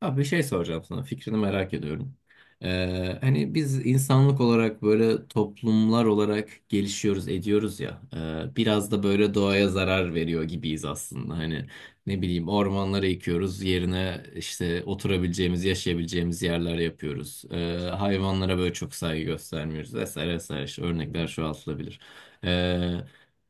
Abi bir şey soracağım sana. Fikrini merak ediyorum. Hani biz insanlık olarak böyle toplumlar olarak gelişiyoruz, ediyoruz ya. Biraz da böyle doğaya zarar veriyor gibiyiz aslında. Hani ne bileyim ormanları yıkıyoruz, yerine işte oturabileceğimiz, yaşayabileceğimiz yerler yapıyoruz. Hayvanlara böyle çok saygı göstermiyoruz vesaire vesaire. İşte örnekler çoğaltılabilir. Ee,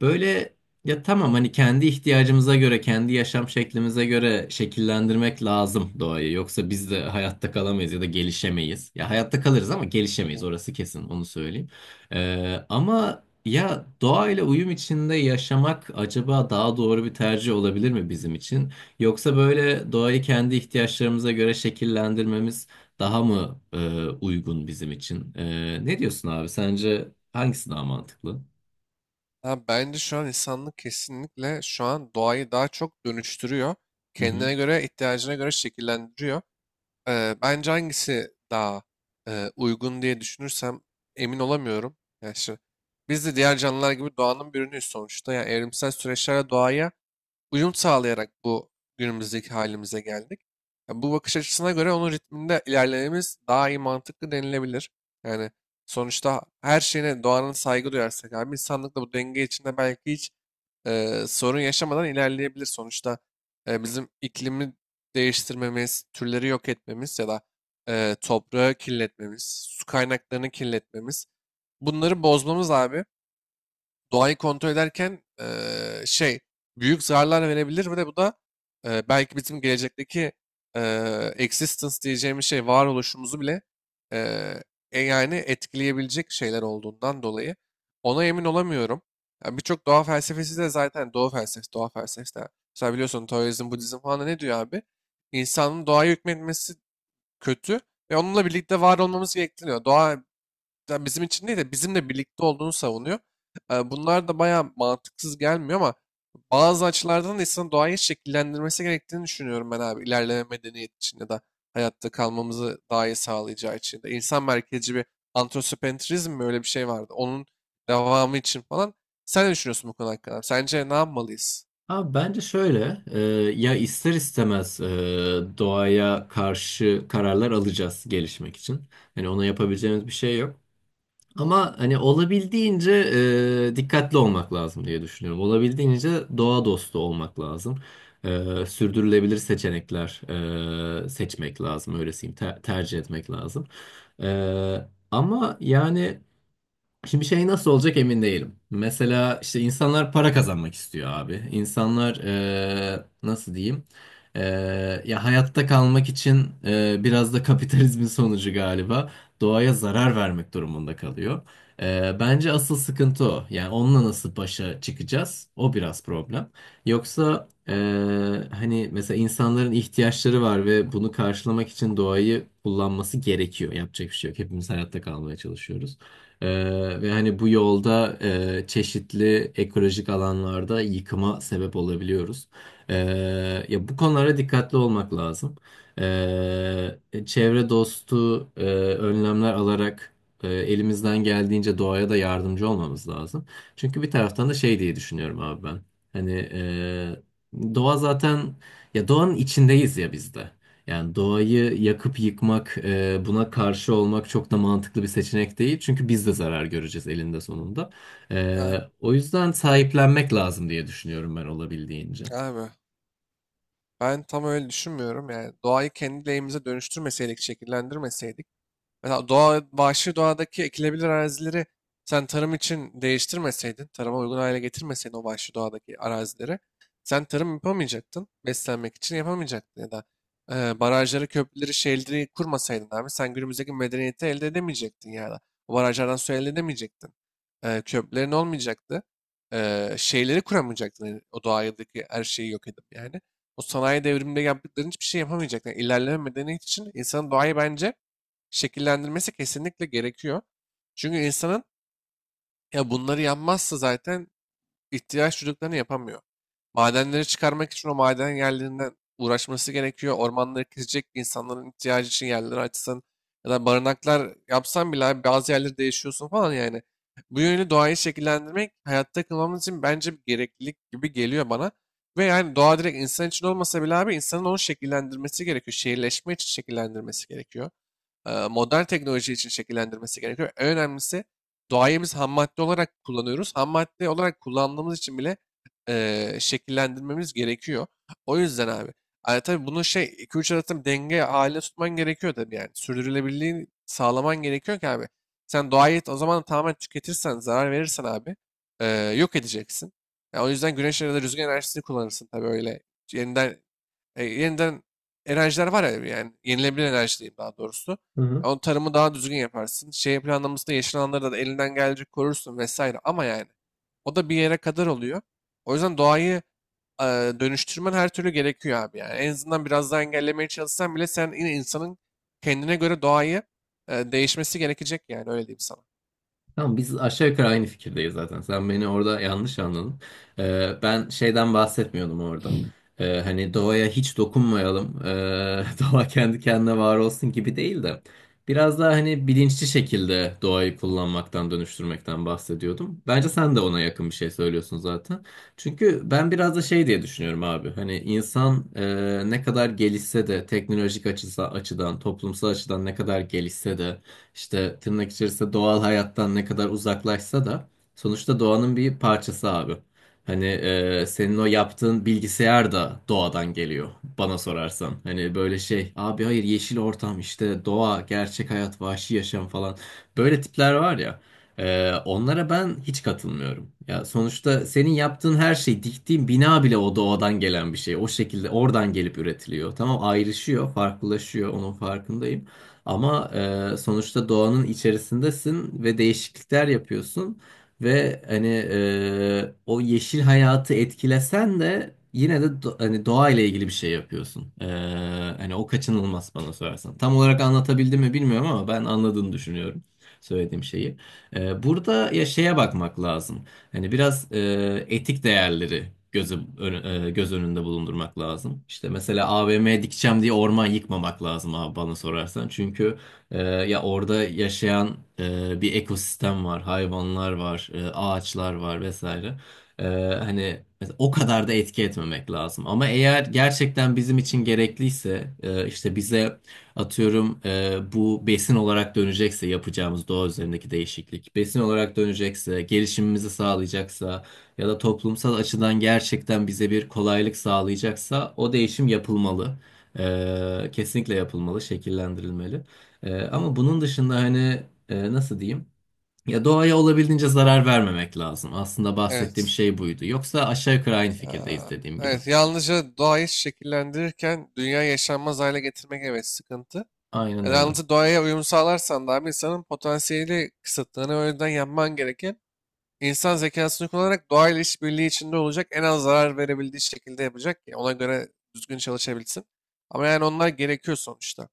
böyle Ya tamam, hani kendi ihtiyacımıza göre, kendi yaşam şeklimize göre şekillendirmek lazım doğayı. Yoksa biz de hayatta kalamayız ya da gelişemeyiz. Ya hayatta kalırız ama gelişemeyiz, orası kesin, onu söyleyeyim. Ama ya doğayla uyum içinde yaşamak acaba daha doğru bir tercih olabilir mi bizim için? Yoksa böyle doğayı kendi ihtiyaçlarımıza göre şekillendirmemiz daha mı uygun bizim için? Ne diyorsun abi? Sence hangisi daha mantıklı? Ha, Bence şu an insanlık kesinlikle şu an doğayı daha çok dönüştürüyor. Kendine göre, ihtiyacına göre şekillendiriyor. Bence hangisi daha uygun diye düşünürsem emin olamıyorum. Yani şu- Biz de diğer canlılar gibi doğanın bir ürünüyüz sonuçta. Yani evrimsel süreçlerle doğaya uyum sağlayarak bu günümüzdeki halimize geldik. Ya bu bakış açısına göre onun ritminde ilerlememiz daha iyi mantıklı denilebilir. Yani sonuçta her şeyine doğanın saygı duyarsak abi insanlık da bu denge içinde belki hiç sorun yaşamadan ilerleyebilir. Sonuçta bizim iklimi değiştirmemiz, türleri yok etmemiz ya da toprağı kirletmemiz, su kaynaklarını kirletmemiz bunları bozmamız abi doğayı kontrol ederken büyük zararlar verebilir ve de bu da belki bizim gelecekteki existence diyeceğimiz şey varoluşumuzu bile eee, yani etkileyebilecek şeyler olduğundan dolayı ona emin olamıyorum. Yani birçok doğa felsefesi de zaten doğa felsefesi de. Mesela biliyorsun Taoizm, Budizm falan da ne diyor abi? İnsanın doğaya hükmetmesi kötü ve onunla birlikte var olmamız gerektiriyor. Doğa yani bizim için değil de bizimle birlikte olduğunu savunuyor. Bunlar da bayağı mantıksız gelmiyor ama bazı açılardan da insanın doğayı şekillendirmesi gerektiğini düşünüyorum ben abi. İlerleme medeniyet için ya da hayatta kalmamızı daha iyi sağlayacağı için de. İnsan merkezci bir antroposentrizm mi öyle bir şey vardı. Onun devamı için falan. Sen ne düşünüyorsun bu konu hakkında? Sence ne yapmalıyız? Abi bence şöyle, ya ister istemez doğaya karşı kararlar alacağız gelişmek için. Hani ona yapabileceğimiz bir şey yok. Ama hani olabildiğince dikkatli olmak lazım diye düşünüyorum. Olabildiğince doğa dostu olmak lazım. Sürdürülebilir seçenekler seçmek lazım, öylesiyim, tercih etmek lazım. Ama yani. Şimdi şey nasıl olacak emin değilim. Mesela işte insanlar para kazanmak istiyor abi. İnsanlar nasıl diyeyim? Ya hayatta kalmak için biraz da kapitalizmin sonucu galiba doğaya zarar vermek durumunda kalıyor. Bence asıl sıkıntı o. Yani onunla nasıl başa çıkacağız? O biraz problem. Yoksa hani mesela insanların ihtiyaçları var ve bunu karşılamak için doğayı kullanması gerekiyor. Yapacak bir şey yok. Hepimiz hayatta kalmaya çalışıyoruz. Ve hani bu yolda çeşitli ekolojik alanlarda yıkıma sebep olabiliyoruz. Ee, Ya bu konulara dikkatli olmak lazım. Çevre dostu önlemler alarak elimizden geldiğince doğaya da yardımcı olmamız lazım. Çünkü bir taraftan da şey diye düşünüyorum abi ben. Hani doğa zaten ya doğanın içindeyiz ya biz de. Yani doğayı yakıp yıkmak, buna karşı olmak çok da mantıklı bir seçenek değil. Çünkü biz de zarar göreceğiz elinde sonunda. Abi, O yüzden sahiplenmek lazım diye düşünüyorum ben olabildiğince. abi, ben tam öyle düşünmüyorum yani. Doğayı kendi lehimize dönüştürmeseydik, şekillendirmeseydik, mesela doğa, vahşi doğadaki ekilebilir arazileri sen tarım için değiştirmeseydin, tarıma uygun hale getirmeseydin o vahşi doğadaki arazileri, sen tarım yapamayacaktın, beslenmek için yapamayacaktın ya da barajları, köprüleri, şehirleri kurmasaydın abi sen günümüzdeki medeniyeti elde edemeyecektin ya da o barajlardan su elde edemeyecektin. Köprülerin olmayacaktı. Şeyleri kuramayacaktın yani o doğadaki her şeyi yok edip yani. O sanayi devriminde yaptıkların hiçbir şey yapamayacaktın. Yani ilerleme medeniyet için insanın doğayı bence şekillendirmesi kesinlikle gerekiyor. Çünkü insanın ya bunları yapmazsa zaten ihtiyaç duyduklarını yapamıyor. Madenleri çıkarmak için o maden yerlerinden uğraşması gerekiyor. Ormanları kesecek insanların ihtiyacı için yerleri açsın. Ya da barınaklar yapsan bile abi bazı yerleri değişiyorsun falan yani. Bu yönü doğayı şekillendirmek hayatta kalmamız için bence bir gereklilik gibi geliyor bana. Ve yani doğa direkt insan için olmasa bile abi insanın onu şekillendirmesi gerekiyor. Şehirleşme için şekillendirmesi gerekiyor, modern teknoloji için şekillendirmesi gerekiyor. En önemlisi doğayımız biz ham madde olarak kullanıyoruz. Ham madde olarak kullandığımız için bile şekillendirmemiz gerekiyor. O yüzden abi. Yani tabii bunu şey 2-3 arasında denge halinde tutman gerekiyor tabii yani. Sürdürülebilirliğini sağlaman gerekiyor ki abi. Sen doğayı o zaman tamamen tüketirsen, zarar verirsen abi e, yok edeceksin. Ya o yüzden güneş enerjisi, rüzgar enerjisini kullanırsın tabii öyle. Yeniden yeniden enerjiler var ya yani yenilebilir enerji diyeyim daha doğrusu. Hı hı. Onun tarımı daha düzgün yaparsın. Şey planlamasında yeşil alanları da elinden gelecek korursun vesaire. Ama yani o da bir yere kadar oluyor. O yüzden doğayı e, dönüştürmen her türlü gerekiyor abi yani. En azından biraz daha engellemeye çalışsan bile sen yine insanın kendine göre doğayı değişmesi gerekecek yani öyle diyeyim sana. Tamam, biz aşağı yukarı aynı fikirdeyiz zaten. Sen beni orada yanlış anladın. Ben şeyden bahsetmiyordum orada. Hani doğaya hiç dokunmayalım. Doğa kendi kendine var olsun gibi değil de. Biraz daha hani bilinçli şekilde doğayı kullanmaktan, dönüştürmekten bahsediyordum. Bence sen de ona yakın bir şey söylüyorsun zaten. Çünkü ben biraz da şey diye düşünüyorum abi. Hani insan ne kadar gelişse de teknolojik açıdan, toplumsal açıdan ne kadar gelişse de işte tırnak içerisinde doğal hayattan ne kadar uzaklaşsa da sonuçta doğanın bir parçası abi. Hani senin o yaptığın bilgisayar da doğadan geliyor bana sorarsan. Hani böyle şey abi, hayır yeşil ortam işte doğa, gerçek hayat, vahşi yaşam falan, böyle tipler var ya. Onlara ben hiç katılmıyorum. Ya sonuçta senin yaptığın her şey, diktiğin bina bile o doğadan gelen bir şey. O şekilde oradan gelip üretiliyor. Tamam, ayrışıyor, farklılaşıyor, onun farkındayım. Ama sonuçta doğanın içerisindesin ve değişiklikler yapıyorsun ve hani o yeşil hayatı etkilesen de yine de hani doğayla ilgili bir şey yapıyorsun. Hani o kaçınılmaz bana sorarsan. Tam olarak anlatabildim mi bilmiyorum ama ben anladığını düşünüyorum söylediğim şeyi. Burada ya şeye bakmak lazım. Hani biraz etik değerleri göz önünde bulundurmak lazım. İşte mesela AVM dikeceğim diye orman yıkmamak lazım abi bana sorarsan. Çünkü ya orada yaşayan bir ekosistem var, hayvanlar var, ağaçlar var vesaire. E, Hani mesela o kadar da etki etmemek lazım. Ama eğer gerçekten bizim için gerekliyse, işte bize atıyorum bu besin olarak dönecekse yapacağımız doğa üzerindeki değişiklik, besin olarak dönecekse, gelişimimizi sağlayacaksa ya da toplumsal açıdan gerçekten bize bir kolaylık sağlayacaksa o değişim yapılmalı. Kesinlikle yapılmalı, şekillendirilmeli. Ama bunun dışında hani nasıl diyeyim? Ya doğaya olabildiğince zarar vermemek lazım. Aslında bahsettiğim Evet. şey buydu. Yoksa aşağı yukarı aynı fikirdeyiz Aa, dediğim gibi. evet, yalnızca doğayı şekillendirirken dünya yaşanmaz hale getirmek evet sıkıntı. Aynen öyle. Yalnız doğaya uyum sağlarsan da abi insanın potansiyeli kısıtlarını o yüzden yapman gereken insan zekasını kullanarak doğayla işbirliği içinde olacak en az zarar verebildiği şekilde yapacak ki ona göre düzgün çalışabilsin. Ama yani onlar gerekiyor sonuçta.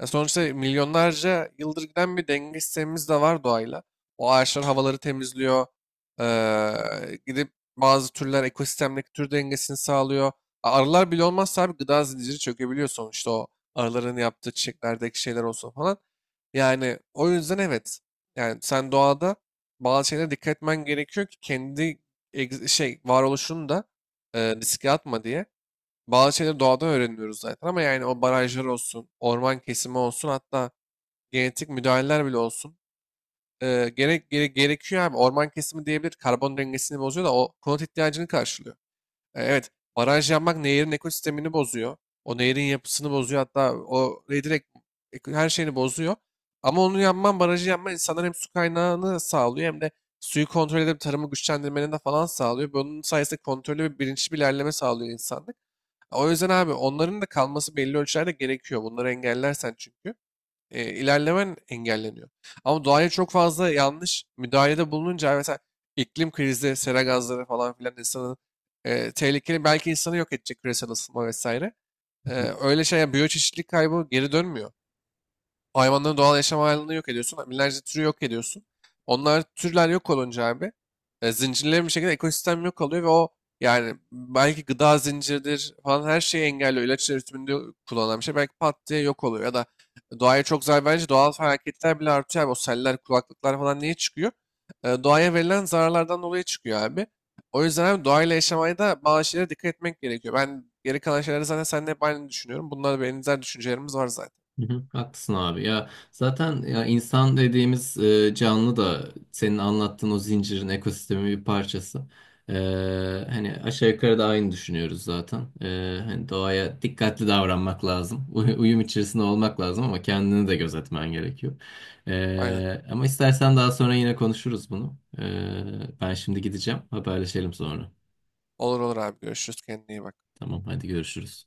Ya sonuçta milyonlarca yıldır giden bir denge sistemimiz de var doğayla. O ağaçlar havaları temizliyor. Gidip bazı türler ekosistemdeki tür dengesini sağlıyor. Arılar bile olmazsa abi gıda zinciri çökebiliyor sonuçta o arıların yaptığı çiçeklerdeki şeyler olsun falan. Yani o yüzden evet. Yani sen doğada bazı şeylere dikkat etmen gerekiyor ki kendi varoluşunu da riske atma diye. Bazı şeyleri doğadan öğreniyoruz zaten ama yani o barajlar olsun, orman kesimi olsun hatta genetik müdahaleler bile olsun. Gerekiyor abi. Orman kesimi diyebilir karbon dengesini bozuyor da o konut ihtiyacını karşılıyor. Evet, baraj yapmak nehirin ekosistemini bozuyor. O nehirin yapısını bozuyor hatta o neyi direkt her şeyini bozuyor. Ama onu yapman, barajı yapman insanlar hem su kaynağını sağlıyor hem de suyu kontrol edip tarımı güçlendirmenin de falan sağlıyor. Bunun sayesinde kontrollü ve bilinçli bir ilerleme sağlıyor insanlık. O yüzden abi onların da kalması belli ölçülerde gerekiyor. Bunları engellersen çünkü ilerlemen engelleniyor. Ama doğaya çok fazla yanlış müdahalede bulununca mesela iklim krizi, sera gazları falan filan insanı tehlikeli belki insanı yok edecek küresel ısınma vesaire. E, öyle şey yani biyoçeşitlilik kaybı geri dönmüyor. O hayvanların doğal yaşam alanını yok ediyorsun. Binlerce türü yok ediyorsun. Onlar türler yok olunca abi zincirlerin bir şekilde ekosistem yok oluyor ve o yani belki gıda zinciridir falan her şeyi engelliyor. İlaç üretiminde kullanılan bir şey belki pat diye yok oluyor. Ya da doğaya çok zarar verince doğal felaketler bile artıyor abi. O seller, kulaklıklar falan niye çıkıyor? Doğaya verilen zararlardan dolayı çıkıyor abi. O yüzden abi doğayla yaşamaya da bazı şeylere dikkat etmek gerekiyor. Ben geri kalan şeyleri zaten seninle hep aynı düşünüyorum. Bunlar benzer düşüncelerimiz var zaten. Hı hı, haklısın abi. Ya zaten ya insan dediğimiz canlı da senin anlattığın o zincirin, ekosistemin bir parçası. E, Hani aşağı yukarı da aynı düşünüyoruz zaten. Hani doğaya dikkatli davranmak lazım. Uyum içerisinde olmak lazım ama kendini de gözetmen gerekiyor. Aynen. Ama istersen daha sonra yine konuşuruz bunu. Ben şimdi gideceğim. Haberleşelim sonra. Olur, olur abi görüşürüz, kendine iyi bak. Tamam hadi görüşürüz.